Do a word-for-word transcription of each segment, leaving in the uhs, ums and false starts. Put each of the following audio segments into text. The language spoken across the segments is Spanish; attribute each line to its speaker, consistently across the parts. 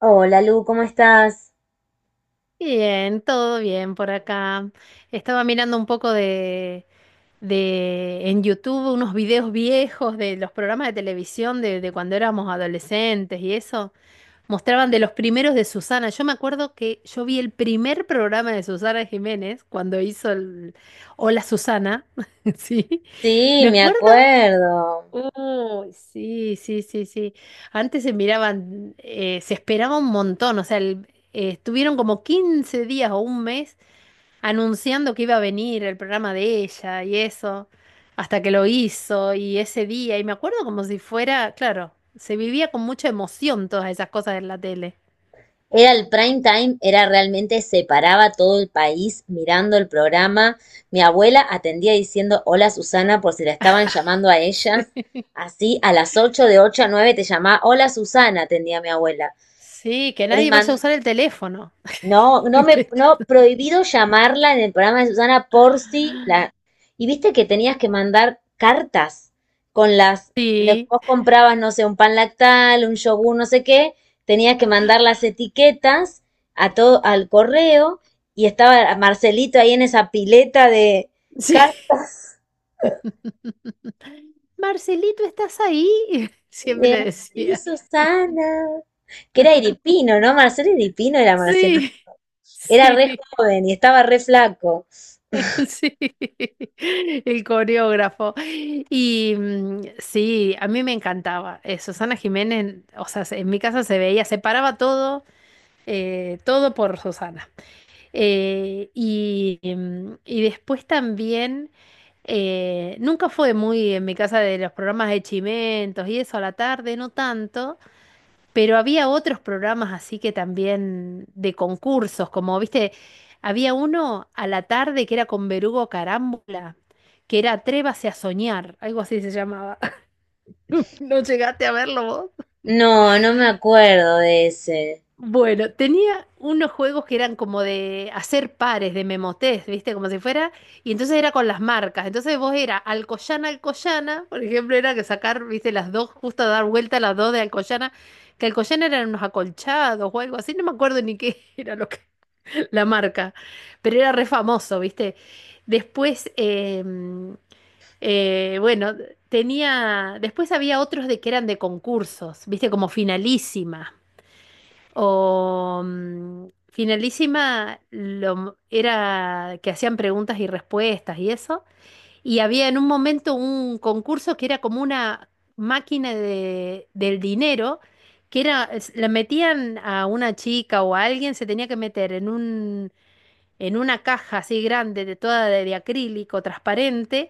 Speaker 1: Hola Lu, ¿cómo estás?
Speaker 2: Bien, todo bien por acá. Estaba mirando un poco de, de en YouTube unos videos viejos de los programas de televisión de, de cuando éramos adolescentes y eso. Mostraban de los primeros de Susana. Yo me acuerdo que yo vi el primer programa de Susana Jiménez cuando hizo el Hola Susana. Sí. Me
Speaker 1: Sí, me
Speaker 2: acuerdo.
Speaker 1: acuerdo.
Speaker 2: Oh, sí, sí, sí, sí. Antes se miraban, eh, se esperaba un montón, o sea, el- eh, estuvieron como quince días o un mes anunciando que iba a venir el programa de ella y eso, hasta que lo hizo y ese día, y me acuerdo como si fuera, claro, se vivía con mucha emoción todas esas cosas en la tele.
Speaker 1: Era el prime time, era realmente, se paraba todo el país mirando el programa. Mi abuela atendía diciendo hola Susana por si la estaban llamando a
Speaker 2: Sí.
Speaker 1: ella. Así, a las ocho, de ocho a nueve te llamaba hola Susana, atendía mi abuela.
Speaker 2: Sí, que nadie vaya a usar el teléfono.
Speaker 1: No, no me,
Speaker 2: Que-
Speaker 1: no, prohibido llamarla en el programa de Susana por si la. Y viste que tenías que mandar cartas con las. le-
Speaker 2: Sí,
Speaker 1: vos comprabas, no sé, un pan lactal, un yogur, no sé qué, tenías que mandar las etiquetas a todo, al correo, y estaba Marcelito ahí en esa pileta de
Speaker 2: sí.
Speaker 1: cartas.
Speaker 2: Marcelito, ¿estás ahí? Siempre le
Speaker 1: de, Sí,
Speaker 2: decía.
Speaker 1: Susana. Que era Iripino, ¿no? Marcelo Iripino era Marcelito.
Speaker 2: Sí,
Speaker 1: Era
Speaker 2: sí,
Speaker 1: re joven y estaba re flaco.
Speaker 2: sí, el coreógrafo. Y mm, sí, a mí me encantaba. Eh, Susana Jiménez, o sea, se- en mi casa se veía, se paraba todo, eh, todo por Susana. Eh, y, mm, y después también, eh, nunca fue muy en mi casa de los programas de chimentos y eso a la tarde, no tanto. Pero había otros programas así que también de concursos, como viste, había uno a la tarde que era con Berugo Carámbula, que era Atrévase a soñar, algo así se llamaba. ¿No llegaste a verlo vos?
Speaker 1: No, no me acuerdo de ese.
Speaker 2: Bueno, tenía unos juegos que eran como de hacer pares, de memotest, ¿viste? Como si fuera. Y entonces era con las marcas. Entonces vos era Alcoyana, Alcoyana. Por ejemplo, era que sacar, ¿viste? Las dos, justo dar vuelta a las dos de Alcoyana. Que Alcoyana eran unos acolchados o algo así. No me acuerdo ni qué era lo que, la marca. Pero era re famoso, ¿viste? Después, em, eh, bueno, tenía. Después había otros de que eran de concursos, ¿viste? Como finalísima. O mm, Finalísima lo m- era que hacían preguntas y respuestas y eso. Y había en un momento un concurso que era como una máquina de, del dinero, que era, es- la metían a una chica o a alguien, se tenía que meter en un, en una caja así grande, de toda de, de acrílico, transparente,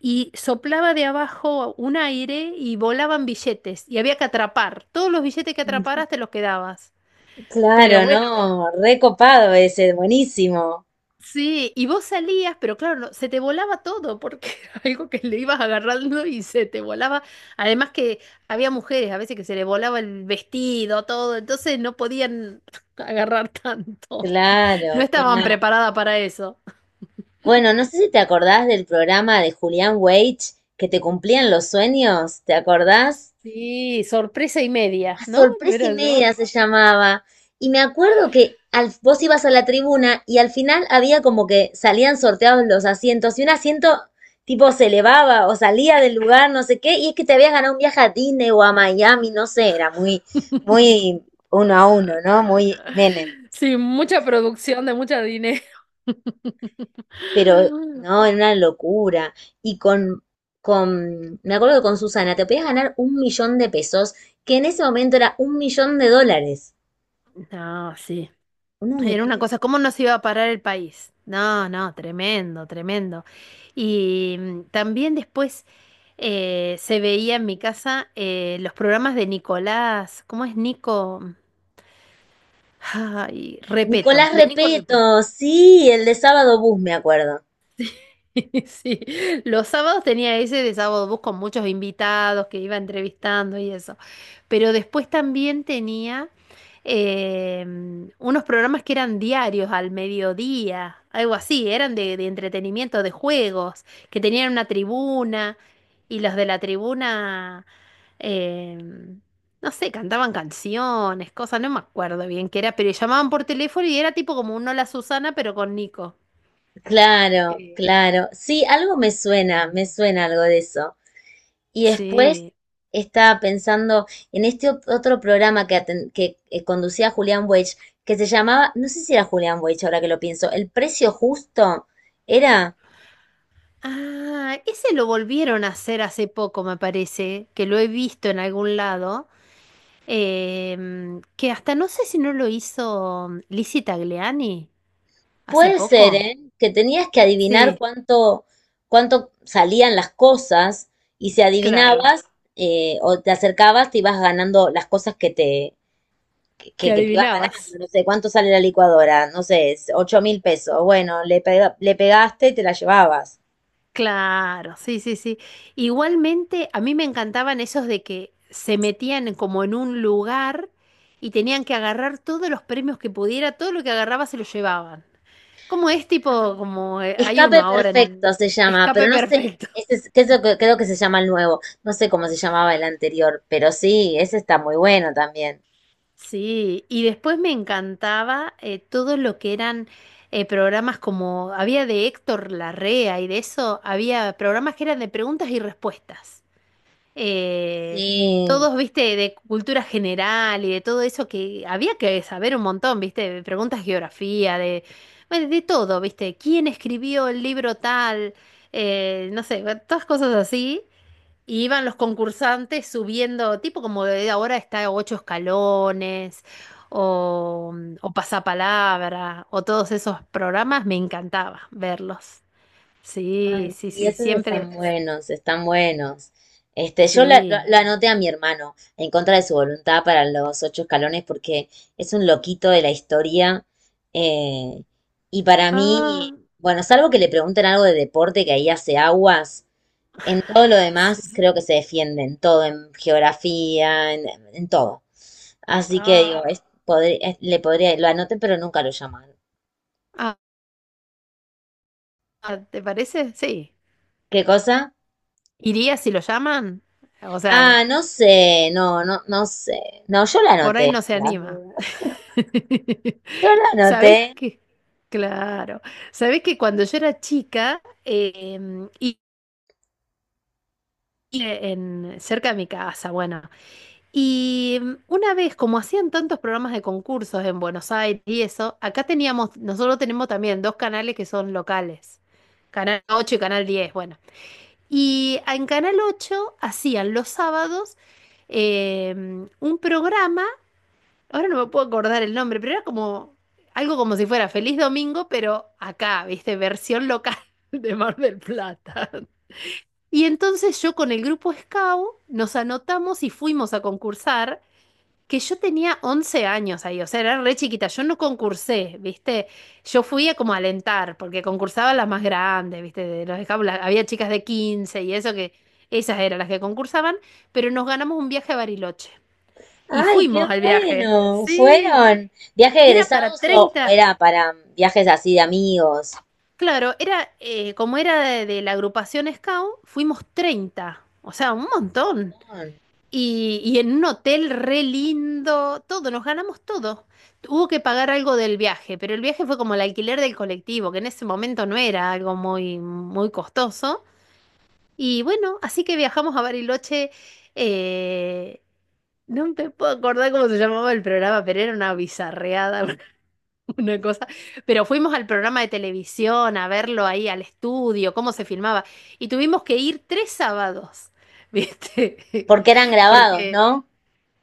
Speaker 2: y soplaba de abajo un aire y volaban billetes. Y había que atrapar. Todos los billetes que atraparas te los quedabas. Pero
Speaker 1: Claro,
Speaker 2: bueno.
Speaker 1: no, recopado ese, buenísimo.
Speaker 2: Sí, y vos salías, pero claro, no- se te volaba todo porque era algo que le ibas agarrando y se te volaba. Además que había mujeres a veces que se le volaba el vestido, todo, entonces no podían agarrar tanto. No
Speaker 1: Claro,
Speaker 2: estaban
Speaker 1: claro.
Speaker 2: preparadas para eso.
Speaker 1: Bueno, no sé si te acordás del programa de Julián Weich que te cumplían los sueños, ¿te acordás?
Speaker 2: Sí, sorpresa y media,
Speaker 1: A
Speaker 2: ¿no? No
Speaker 1: sorpresa y
Speaker 2: era yo.
Speaker 1: media se llamaba. Y me acuerdo que al, vos ibas a la tribuna y al final había como que salían sorteados los asientos y un asiento tipo se elevaba o salía del lugar, no sé qué, y es que te habías ganado un viaje a Disney o a Miami, no sé, era muy, muy uno a uno, ¿no? Muy Menem.
Speaker 2: Sí, mucha producción de mucho dinero.
Speaker 1: Pero, no, era una locura. Y con, con, me acuerdo que con Susana, te podías ganar un millón de pesos, que en ese momento era un millón de dólares.
Speaker 2: No, sí.
Speaker 1: Una
Speaker 2: Era una
Speaker 1: locura.
Speaker 2: cosa, ¿cómo nos iba a parar el país? No, no, tremendo, tremendo. Y mm, también después eh, se veía en mi casa eh, los programas de Nicolás, ¿cómo es Nico? mm, Ay, Repeto,
Speaker 1: Nicolás
Speaker 2: de Nico Repeto.
Speaker 1: Repeto, sí, el de Sábado Bus, me acuerdo.
Speaker 2: Sí, los sábados tenía ese de sábado bus con muchos invitados que iba entrevistando y eso. Pero después también tenía eh, unos programas que eran diarios al mediodía, algo así, eran de, de entretenimiento, de juegos, que tenían una tribuna y los de la tribuna, eh, no sé, cantaban canciones, cosas, no me acuerdo bien qué era, pero llamaban por teléfono y era tipo como un Hola Susana, pero con Nico.
Speaker 1: Claro,
Speaker 2: Eh,
Speaker 1: claro. Sí, algo me suena, me suena algo de eso. Y después
Speaker 2: Sí.
Speaker 1: estaba pensando en este ot- otro programa que, aten- que eh, conducía Julián Weich, que se llamaba, no sé si era Julián Weich ahora que lo pienso, El Precio Justo, ¿era?
Speaker 2: Ah, ese lo volvieron a hacer hace poco, me parece, que lo he visto en algún lado, em, que hasta no sé si no lo hizo Lizzie Tagliani hace
Speaker 1: Puede ser,
Speaker 2: poco.
Speaker 1: ¿eh? Que tenías que adivinar
Speaker 2: Sí,
Speaker 1: cuánto, cuánto salían las cosas y si
Speaker 2: claro,
Speaker 1: adivinabas eh, o te acercabas, te ibas ganando las cosas que te,
Speaker 2: que
Speaker 1: que, que te ibas ganando.
Speaker 2: adivinabas.
Speaker 1: No sé, ¿cuánto sale la licuadora? No sé, es ocho mil pesos. Bueno, le pega- le pegaste y te la llevabas.
Speaker 2: Claro, sí, sí, sí. Igualmente, a mí me encantaban esos de que se metían como en un lugar y tenían que agarrar todos los premios que pudiera, todo lo que agarraba se lo llevaban. Como es tipo, como eh, hay uno
Speaker 1: Escape
Speaker 2: ahora en
Speaker 1: perfecto se llama,
Speaker 2: Escape
Speaker 1: pero no sé,
Speaker 2: Perfecto.
Speaker 1: ese es, que es lo que- creo que se llama el nuevo. No sé cómo se llamaba el anterior, pero sí, ese está muy bueno también.
Speaker 2: Sí, y después me encantaba eh, todo lo que eran eh, programas como, había de Héctor Larrea y de eso, había programas que eran de preguntas y respuestas. Eh,
Speaker 1: Sí.
Speaker 2: todos, viste, de cultura general y de todo eso que había que saber un montón, viste, de preguntas de geografía, de, bueno, de todo, viste, quién escribió el libro tal, eh, no sé, bueno, todas cosas así. Y iban los concursantes subiendo, tipo como de ahora está ocho escalones, o, o pasapalabra, o todos esos programas, me encantaba verlos. Sí,
Speaker 1: Ay,
Speaker 2: sí,
Speaker 1: sí,
Speaker 2: sí,
Speaker 1: esos están
Speaker 2: siempre,
Speaker 1: buenos, están buenos. Este, yo la- la-
Speaker 2: sí.
Speaker 1: lo anoté a mi hermano en contra de su voluntad para los ocho escalones porque es un loquito de la historia. Eh, y para mí,
Speaker 2: Ah,
Speaker 1: bueno, salvo que le pregunten algo de deporte que ahí hace aguas, en todo lo
Speaker 2: sí.
Speaker 1: demás creo que se defiende, en todo, en geografía, en, en todo. Así que digo,
Speaker 2: Ah,
Speaker 1: es- podri- es- le podría, lo anoté, pero nunca lo llamaron.
Speaker 2: ah, ah, ¿te parece? Sí.
Speaker 1: ¿Qué cosa?
Speaker 2: ¿Iría si lo llaman? O sea,
Speaker 1: Ah, no sé, no, no, no sé. No, yo la
Speaker 2: por ahí
Speaker 1: anoté
Speaker 2: no se
Speaker 1: por las
Speaker 2: anima.
Speaker 1: dudas. Yo la anoté.
Speaker 2: ¿Sabés qué? Claro. ¿Sabés que cuando yo era chica, em, en, cerca de mi casa, bueno. Y mm, una vez, como hacían tantos programas de concursos en Buenos Aires y eso, acá teníamos, nosotros tenemos también dos canales que son locales, Canal ocho y Canal diez, bueno. Y en Canal ocho hacían los sábados eh, un programa, ahora no me puedo acordar el nombre, pero era como algo como si fuera Feliz Domingo, pero acá, viste, versión local de Mar del Plata. Y entonces yo con el grupo Scout nos anotamos y fuimos a concursar, que yo tenía once años ahí, o sea, era re chiquita, yo no concursé, ¿viste? Yo fui a como a alentar, porque concursaban las más grandes, ¿viste? De los Scout, la- había chicas de quince y eso que, esas eran las que concursaban, pero nos ganamos un viaje a Bariloche. Y
Speaker 1: Ay, qué
Speaker 2: fuimos al viaje,
Speaker 1: bueno.
Speaker 2: sí,
Speaker 1: ¿Fueron viajes
Speaker 2: y era para
Speaker 1: egresados o o
Speaker 2: treinta.
Speaker 1: era para viajes así de amigos?
Speaker 2: Claro, era, eh, como era de, de la agrupación Scout, fuimos treinta, o sea, un montón. Y, y en un hotel re lindo, todo, nos ganamos todo. Hubo que pagar algo del viaje, pero el viaje fue como el alquiler del colectivo, que en ese momento no era algo muy, muy costoso. Y bueno, así que viajamos a Bariloche. eh, no me puedo acordar cómo se llamaba el programa, pero era una bizarreada, una una cosa. Pero fuimos al programa de televisión a verlo ahí al estudio, cómo se filmaba. Y tuvimos que ir tres sábados, ¿viste?
Speaker 1: ¿Porque eran grabados,
Speaker 2: Porque
Speaker 1: no?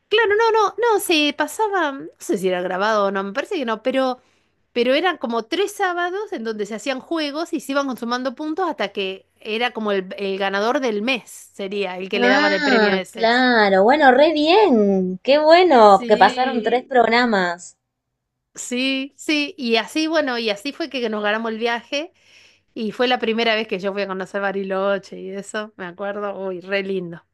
Speaker 2: Claro, no, no, no, se pasaba, no sé si era grabado o no, me parece que no, pero, pero eran como tres sábados en donde se hacían juegos y se iban consumando puntos hasta que era como el, el ganador del mes, sería el que le daban el premio
Speaker 1: Ah,
Speaker 2: ese.
Speaker 1: claro. Bueno, re bien. Qué bueno que pasaron tres
Speaker 2: Sí.
Speaker 1: programas.
Speaker 2: Sí, sí, y así, bueno, y así fue que nos ganamos el viaje y fue la primera vez que yo fui a conocer Bariloche y eso, me acuerdo, uy, re lindo.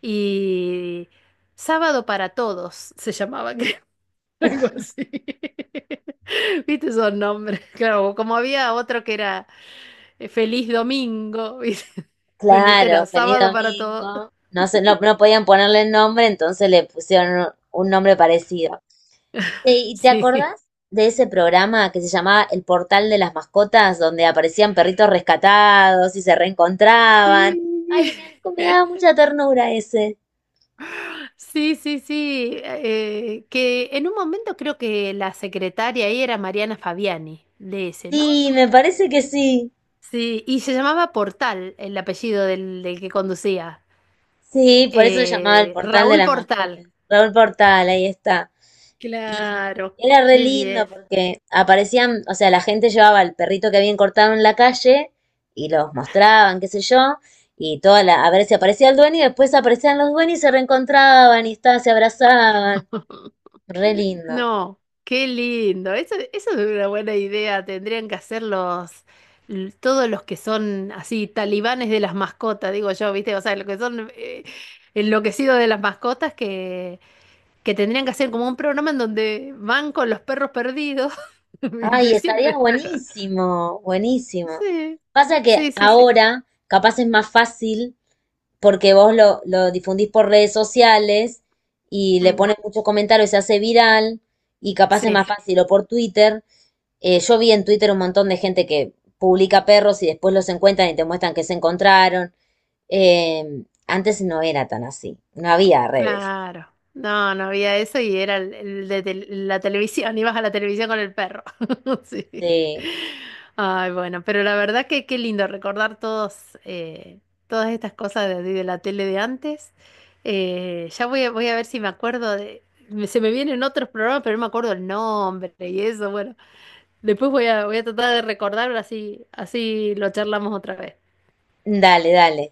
Speaker 2: Y Sábado para Todos se llamaba, algo así. ¿Viste esos nombres? Claro, como había otro que era eh, Feliz Domingo, ¿viste? Bueno, este era
Speaker 1: Claro, feliz
Speaker 2: Sábado para Todos.
Speaker 1: domingo. No sé, no, no podían ponerle el nombre, entonces le pusieron un nombre parecido. Sí, ¿y te
Speaker 2: Sí.
Speaker 1: acordás de ese programa que se llamaba El Portal de las Mascotas, donde aparecían perritos rescatados y se reencontraban?
Speaker 2: Sí,
Speaker 1: Ay, me, me daba mucha ternura ese.
Speaker 2: sí, sí, sí. eh, que en un momento creo que la secretaria ahí era Mariana Fabiani, de ese, ¿no?
Speaker 1: Sí, me parece que sí.
Speaker 2: Sí, y se llamaba Portal, el apellido del, del que conducía.
Speaker 1: Sí, por eso se llamaba El
Speaker 2: Eh,
Speaker 1: Portal de
Speaker 2: Raúl
Speaker 1: las
Speaker 2: Portal.
Speaker 1: Mascotas. Raúl Portal, ahí está. Y
Speaker 2: Claro,
Speaker 1: era re
Speaker 2: qué
Speaker 1: lindo
Speaker 2: bien.
Speaker 1: porque aparecían, o sea, la gente llevaba el perrito que habían cortado en la calle y los mostraban, qué sé yo, y toda la, a ver si aparecía el dueño y después aparecían los dueños y se reencontraban y está, se abrazaban. Re lindo.
Speaker 2: No, qué lindo. Eso, eso es una buena idea. Tendrían que hacer los, l- todos los que son así talibanes de las mascotas, digo yo, ¿viste? O sea, los que son eh, enloquecidos de las mascotas que, que tendrían que hacer como un programa en donde van con los perros perdidos, ¿viste?
Speaker 1: Ay,
Speaker 2: Y
Speaker 1: estaría
Speaker 2: siempre.
Speaker 1: buenísimo, buenísimo.
Speaker 2: Sí,
Speaker 1: Pasa que
Speaker 2: sí, sí, sí.
Speaker 1: ahora capaz es más fácil porque vos lo, lo difundís por redes sociales y le
Speaker 2: Mm,
Speaker 1: pones muchos comentarios, se hace viral y capaz es
Speaker 2: sí.
Speaker 1: más fácil o por Twitter. Eh, yo vi en Twitter un montón de gente que publica perros y después los encuentran y te muestran que se encontraron. Eh, antes no era tan así, no había redes.
Speaker 2: Claro. No, no había eso y era el, el de tel- la televisión. Ibas a la televisión con el perro. Sí.
Speaker 1: Sí.
Speaker 2: Ay, bueno, pero la verdad que qué lindo recordar todos, eh, todas estas cosas de, de la tele de antes. Eh, ya voy a, voy a ver si me acuerdo de... me- Se me vienen otros programas, pero no me acuerdo el nombre y eso. Bueno, después voy a, voy a tratar de recordar, así, así lo charlamos otra vez.
Speaker 1: Dale, dale.